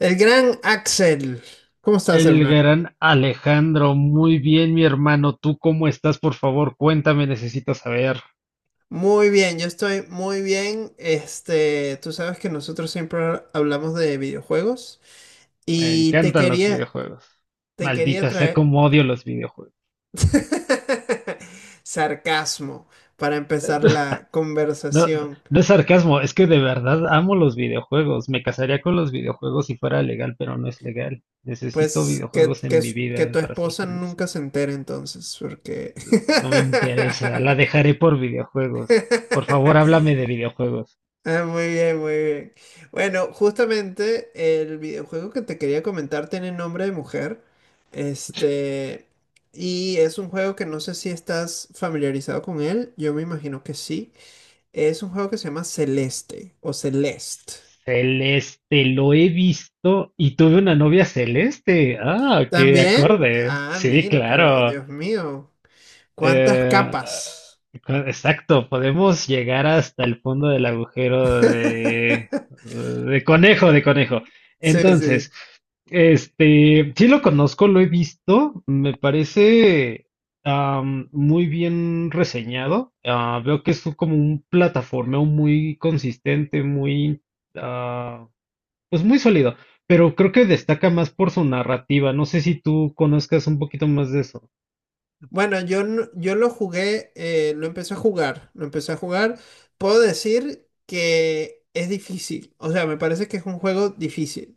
El gran Axel, ¿cómo estás, El hermano? gran Alejandro, muy bien, mi hermano. ¿Tú cómo estás? Por favor, cuéntame, necesito saber. Muy bien, yo estoy muy bien. Este, tú sabes que nosotros siempre hablamos de videojuegos Me y encantan los videojuegos. te quería Maldita sea, traer cómo odio los videojuegos. sarcasmo para empezar la No, conversación. no es sarcasmo, es que de verdad amo los videojuegos. Me casaría con los videojuegos si fuera legal, pero no es legal. Necesito Pues videojuegos en mi que vida tu para ser esposa feliz. nunca se entere entonces, porque... No me interesa, la dejaré por videojuegos. Por favor, háblame de videojuegos. Ah, muy bien, muy bien. Bueno, justamente el videojuego que te quería comentar tiene nombre de mujer. Este, y es un juego que no sé si estás familiarizado con él. Yo me imagino que sí. Es un juego que se llama Celeste o Celeste. Celeste, lo he visto y tuve una novia celeste. Ah, qué ¿También? acorde. Ah, Sí, mira, pero claro. Dios mío, cuántas Eh, capas. Exacto, podemos llegar hasta el fondo del agujero de, de conejo, de conejo. Sí, sí. Entonces, este, sí lo conozco, lo he visto, me parece muy bien reseñado. Ah, veo que es como un plataformeo muy consistente, muy ah, pues muy sólido, pero creo que destaca más por su narrativa. No sé si tú conozcas un poquito más de eso. Bueno, yo, yo lo jugué, lo empecé a jugar, lo empecé a jugar. Puedo decir que es difícil, o sea, me parece que es un juego difícil.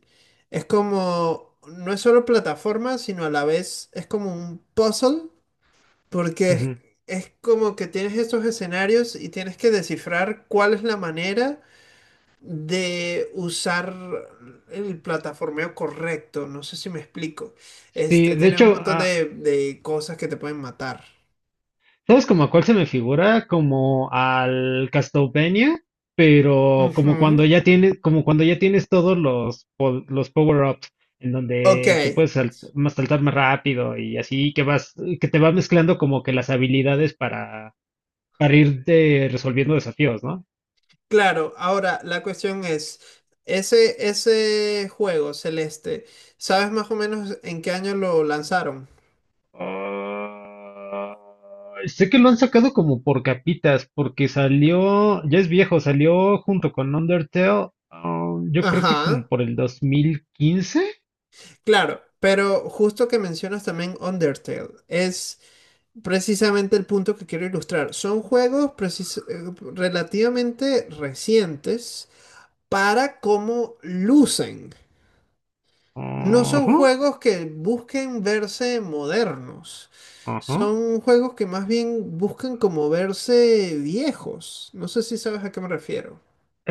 Es como, no es solo plataforma, sino a la vez es como un puzzle, porque Ujú. es como que tienes estos escenarios y tienes que descifrar cuál es la manera de usar el plataformeo correcto. No sé si me explico. Este, Sí, de tienes un hecho, montón de cosas que te pueden matar. ¿sabes como a cuál se me figura? Como al Castlevania, pero como Ujú. cuando ya tienes, como cuando ya tienes todos los power-ups, en Ok, donde que puedes más saltar más rápido y así que vas, que te va mezclando como que las habilidades para ir resolviendo desafíos, ¿no? claro. Ahora, la cuestión es, ese juego celeste, ¿sabes más o menos en qué año lo lanzaron? Ah, sé que lo han sacado como por capitas, porque salió, ya es viejo, salió junto con Undertale, yo creo que Ajá, como por el 2015. claro, pero justo que mencionas también Undertale, es precisamente el punto que quiero ilustrar. Son juegos precis- relativamente recientes para cómo lucen. No son Ajá, juegos que busquen verse modernos. ajá. Son juegos que más bien buscan como verse viejos. No sé si sabes a qué me refiero.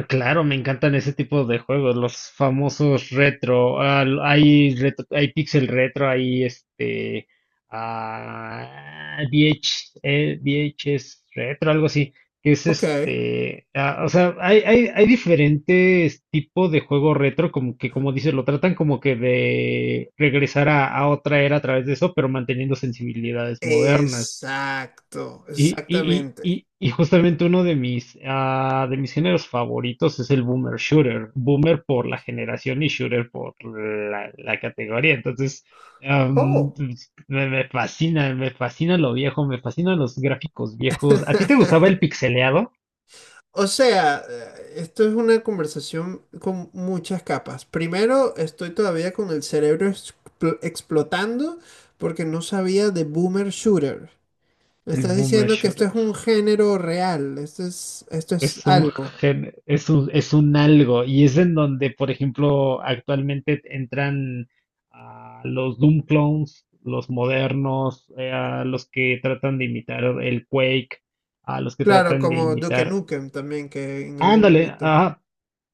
Claro, me encantan ese tipo de juegos, los famosos retro. Hay retro, hay pixel retro, hay este VHS retro, algo así, que es Ok. este, o sea, hay diferentes tipos de juego retro, como que como dices, lo tratan como que de regresar a otra era a través de eso, pero manteniendo sensibilidades modernas. Exacto, Y, y, y, exactamente. y, y justamente uno de mis géneros favoritos es el boomer shooter. Boomer por la generación y shooter por la categoría. Entonces, Oh. pues, me fascina, me fascina lo viejo, me fascinan los gráficos viejos. ¿A ti te gustaba el pixeleado? O sea, esto es una conversación con muchas capas. Primero, estoy todavía con el cerebro explotando porque no sabía de Boomer Shooter. Me El estás boomer diciendo que esto es shooter. un género real, esto es Es un algo. gen- es un, es un algo, y es en donde, por ejemplo, actualmente entran los Doom clones, los modernos, a los que tratan de imitar el Quake, a los que Claro, tratan de como Duke imitar. Nukem también, que en algún Ándale, momento. ajá,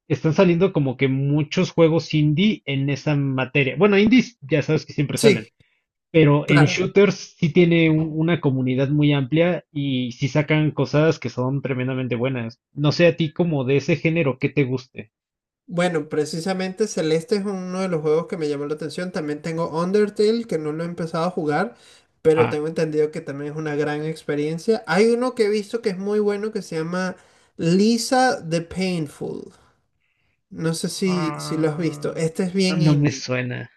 están saliendo como que muchos juegos indie en esa materia. Bueno, indies ya sabes que siempre salen, Sí, pero en claro. shooters sí tiene una comunidad muy amplia y sí sacan cosas que son tremendamente buenas. No sé a ti como de ese género, ¿qué te guste? Bueno, precisamente Celeste es uno de los juegos que me llamó la atención. También tengo Undertale, que no lo he empezado a jugar, pero Ah, tengo entendido que también es una gran experiencia. Hay uno que he visto que es muy bueno que se llama Lisa the Painful. No sé si, si lo has visto. ah, Este es bien no me indie. suena,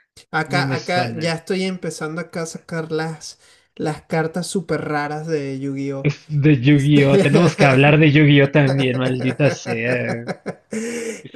no Acá, me acá ya suena. estoy empezando acá a sacar las cartas súper raras de Yu-Gi-Oh! Es de Yu-Gi-Oh! Tenemos que hablar de Yu-Gi-Oh! También, maldita sea.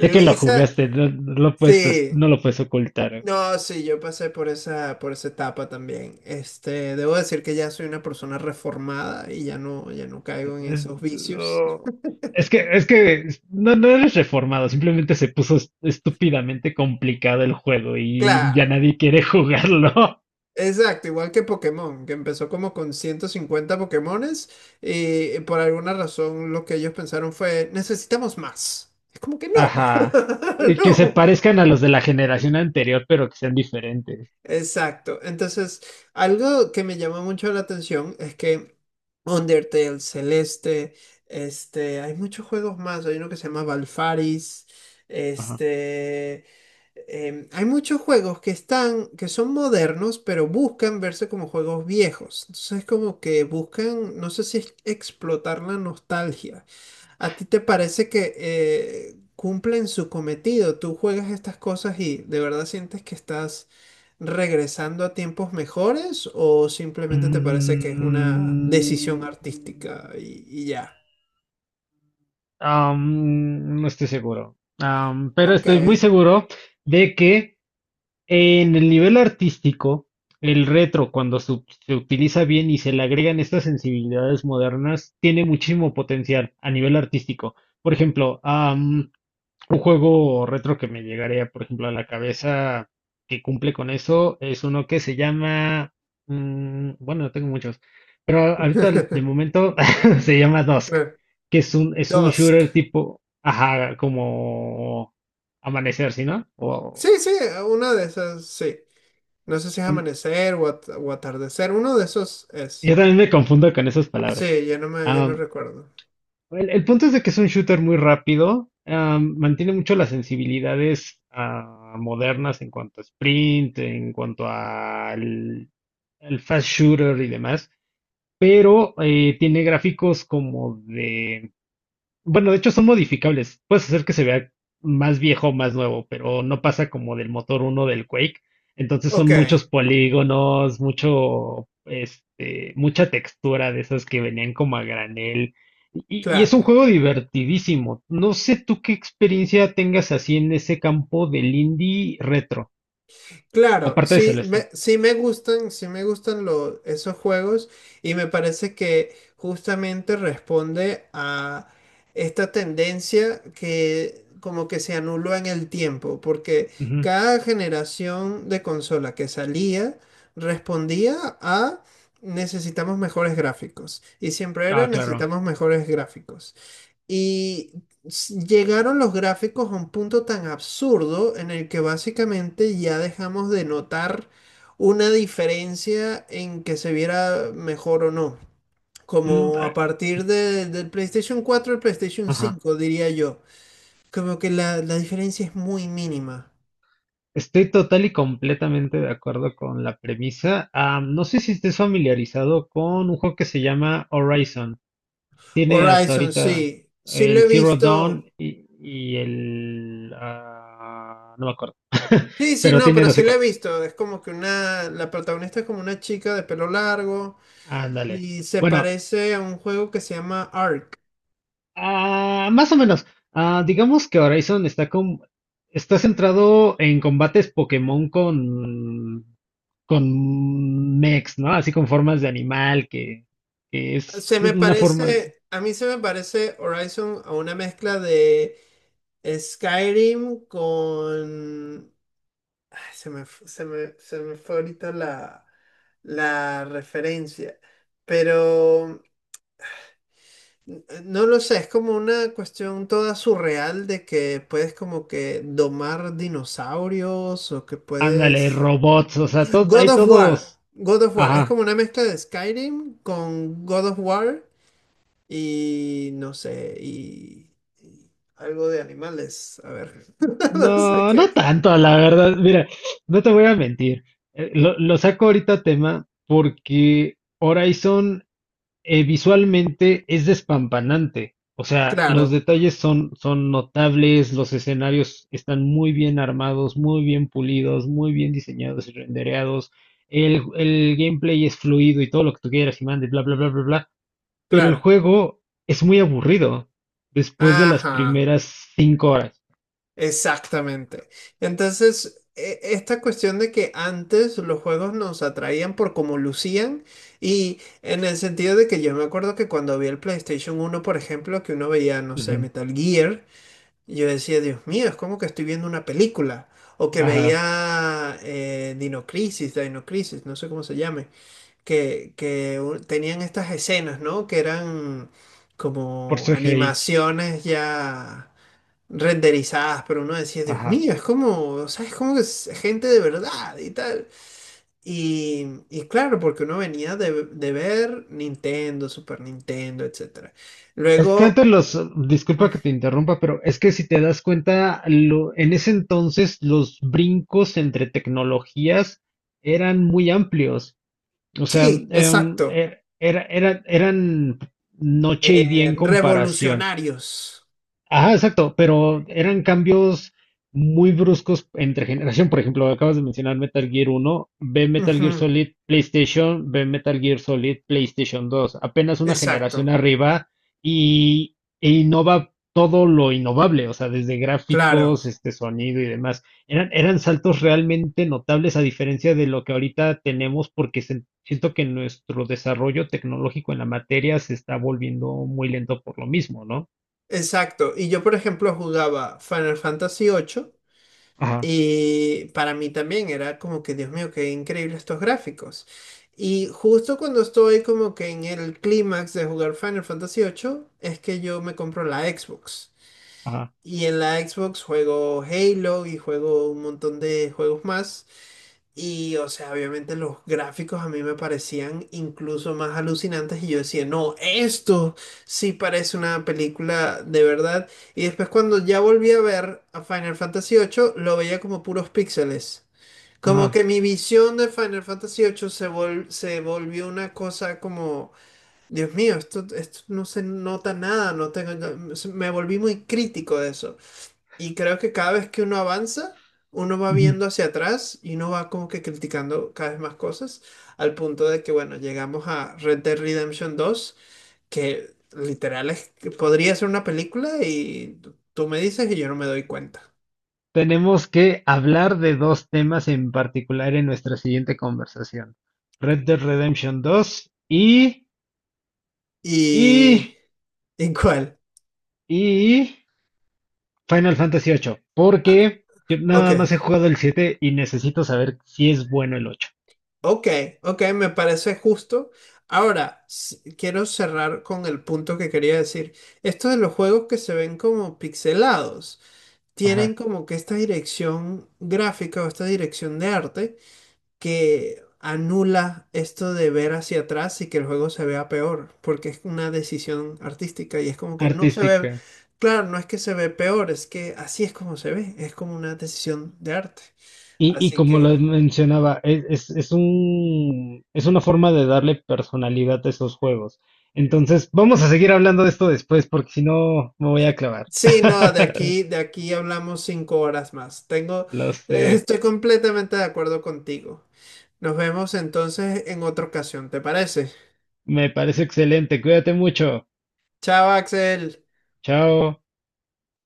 Sé que lo jugaste, no, no lo puedes, sí. no lo puedes ocultar. No, sí, yo pasé por esa etapa también. Este, debo decir que ya soy una persona reformada y ya no, ya no caigo en Es, esos vicios. oh, es que no, no eres reformado, simplemente se puso estúpidamente complicado el juego y ya Claro, nadie quiere jugarlo. exacto, igual que Pokémon, que empezó como con 150 Pokémones y por alguna razón lo que ellos pensaron fue, necesitamos más. Es como que no, Ajá. Y que se no. parezcan a los de la generación anterior, pero que sean diferentes. Exacto. Entonces, algo que me llama mucho la atención es que Undertale, Celeste, este, hay muchos juegos más. Hay uno que se llama Valfaris, Ajá. este, em, hay muchos juegos que están, que son modernos, pero buscan verse como juegos viejos. Entonces es como que buscan, no sé si es explotar la nostalgia. ¿A ti te parece que cumplen su cometido? ¿Tú juegas estas cosas y de verdad sientes que estás regresando a tiempos mejores o simplemente te parece que es una Mm, decisión artística y ya? No estoy seguro. Pero Ok. estoy muy seguro de que en el nivel artístico, el retro, cuando se utiliza bien y se le agregan estas sensibilidades modernas, tiene muchísimo potencial a nivel artístico. Por ejemplo, un juego retro que me llegaría, por ejemplo, a la cabeza que cumple con eso es uno que se llama, bueno, no tengo muchos, pero ahorita de momento se llama Dusk, Claro. que es un Dusk. shooter tipo, ajá, como Amanecer, ¿sí, no? Sí, sí, una de esas, sí. No sé si es amanecer o, o atardecer. Uno de esos es. Yo también me confundo con esas palabras. Sí, ya no me, ya no Am, recuerdo. el punto es de que es un shooter muy rápido, mantiene mucho las sensibilidades modernas en cuanto a sprint, en cuanto al fast shooter y demás, pero tiene gráficos. Como de Bueno, de hecho son modificables. Puedes hacer que se vea más viejo o más nuevo, pero no pasa como del motor uno del Quake. Entonces Ok, son muchos polígonos, mucho, este, mucha textura de esas que venían como a granel. Y es claro. un juego divertidísimo. No sé tú qué experiencia tengas así en ese campo del indie retro, Claro, aparte de Celeste. Sí me gustan esos juegos y me parece que justamente responde a esta tendencia que como que se anuló en el tiempo, porque Ujú. cada generación de consola que salía respondía a necesitamos mejores gráficos y siempre era Ah, claro. necesitamos mejores gráficos. Y llegaron los gráficos a un punto tan absurdo en el que básicamente ya dejamos de notar una diferencia en que se viera mejor o no. Mm, Como a ah, partir del PlayStation 4 al PlayStation ajá. cinco diría yo. Como que la diferencia es muy mínima. Estoy total y completamente de acuerdo con la premisa. Ah, no sé si estés familiarizado con un juego que se llama Horizon. Tiene hasta Horizon, ahorita sí. Sí lo el he Zero visto. Dawn y no me acuerdo, Sí, sí, pero no, tiene pero dos sí lo he secuelas. visto. Es como que una... La protagonista es como una chica de pelo largo. Ándale. Y se Bueno, parece a un juego que se llama Ark. ah, más o menos. Ah, digamos que Horizon está centrado en combates Pokémon con mechs, ¿no? Así con formas de animal, que es Se me una forma, parece, a mí se me parece Horizon a una mezcla de Skyrim con... Ay, se me, f- se me fue ahorita la, la referencia. Pero no lo sé, es como una cuestión toda surreal de que puedes como que domar dinosaurios o que ándale, puedes... robots, o sea, God hay of War. todos, God of War. Es ajá. como una mezcla de Skyrim con God of War y no sé, y algo de animales. A ver, no sé No, no qué. tanto, la verdad. Mira, no te voy a mentir. Lo saco ahorita a tema porque Horizon visualmente es despampanante. O sea, los Claro, detalles son notables, los escenarios están muy bien armados, muy bien pulidos, muy bien diseñados y rendereados. El gameplay es fluido y todo lo que tú quieras y mande, bla, bla, bla, bla, bla. Pero el claro. juego es muy aburrido después de las Ajá, primeras 5 horas. exactamente. Entonces, esta cuestión de que antes los juegos nos atraían por cómo lucían y en el sentido de que yo me acuerdo que cuando vi el PlayStation 1 por ejemplo, que uno veía, no sé, Ujú. Metal Gear. Y yo decía, Dios mío, es como que estoy viendo una película. O que Ajá, veía Dino Crisis, Dino Crisis, no sé cómo se llame, que, tenían estas escenas, ¿no? Que eran por como CGI. animaciones ya renderizadas, pero uno decía, Dios Ajá. mío, es como, o sea, es como que es gente de verdad y tal. Y claro, porque uno venía de ver Nintendo, Super Nintendo, etcétera. Es que Luego... antes mm, disculpa que te interrumpa, pero es que si te das cuenta, en ese entonces los brincos entre tecnologías eran muy amplios. O sea, sí, em, exacto. er- era, era- eran noche y día en comparación. revolucionarios. Ajá, exacto, pero eran cambios muy bruscos entre generación. Por ejemplo, acabas de mencionar Metal Gear uno, ve Metal Gear Ujú, Solid PlayStation, ve Metal Gear Solid PlayStation dos. Apenas una generación exacto, arriba e innova todo lo innovable, o sea, desde claro, gráficos, este sonido y demás. Eran saltos realmente notables a diferencia de lo que ahorita tenemos porque siento que nuestro desarrollo tecnológico en la materia se está volviendo muy lento por lo mismo, ¿no? exacto. Y yo, por ejemplo, jugaba Final Fantasy 8 Ajá, y para mí también era como que, Dios mío, qué increíble estos gráficos. Y justo cuando estoy como que en el clímax de jugar Final Fantasy 8 es que yo me compro la Xbox. ajá. Y en la Xbox juego Halo y juego un montón de juegos más. Y, o sea, obviamente los gráficos a mí me parecían incluso más alucinantes y yo decía, no, esto sí parece una película de verdad. Y después cuando ya volví a ver a Final Fantasy 8 lo veía como puros píxeles. Como Ajá, que mi visión de Final Fantasy 8 se volvió una cosa como, Dios mío, esto no se nota nada, no tengo, me volví muy crítico de eso. Y creo que cada vez que uno avanza, uno va ujú. viendo hacia atrás y uno va como que criticando cada vez más cosas, al punto de que, bueno, llegamos a Red Dead Redemption 2 que literal es que podría ser una película y tú me dices y yo no me doy cuenta. Tenemos que hablar de dos temas en particular en nuestra siguiente conversación. Red Dead Redemption 2 ¿Y, y, ¿Y cuál? y Final Fantasy 8, Ah, porque yo ok, nada más he jugado el 7 y necesito saber si es bueno el 8. ok, ok, me parece justo. Ahora, quiero cerrar con el punto que quería decir. Esto de los juegos que se ven como pixelados, tienen Ajá, como que esta dirección gráfica o esta dirección de arte que anula esto de ver hacia atrás y que el juego se vea peor, porque es una decisión artística y es como que no se ve, artística. claro, no es que se ve peor, es que así es como se ve, es como una decisión de arte. Y Así como que... lo mencionaba, es una forma de darle personalidad a esos juegos. Entonces, vamos a seguir hablando de esto después, porque si no, me voy a clavar. Sí, no, de aquí hablamos 5 horas más. Tengo, Lo sé. estoy completamente de acuerdo contigo. Nos vemos entonces en otra ocasión, ¿te parece? Me parece excelente. Cuídate mucho. Chao, Axel. Chao.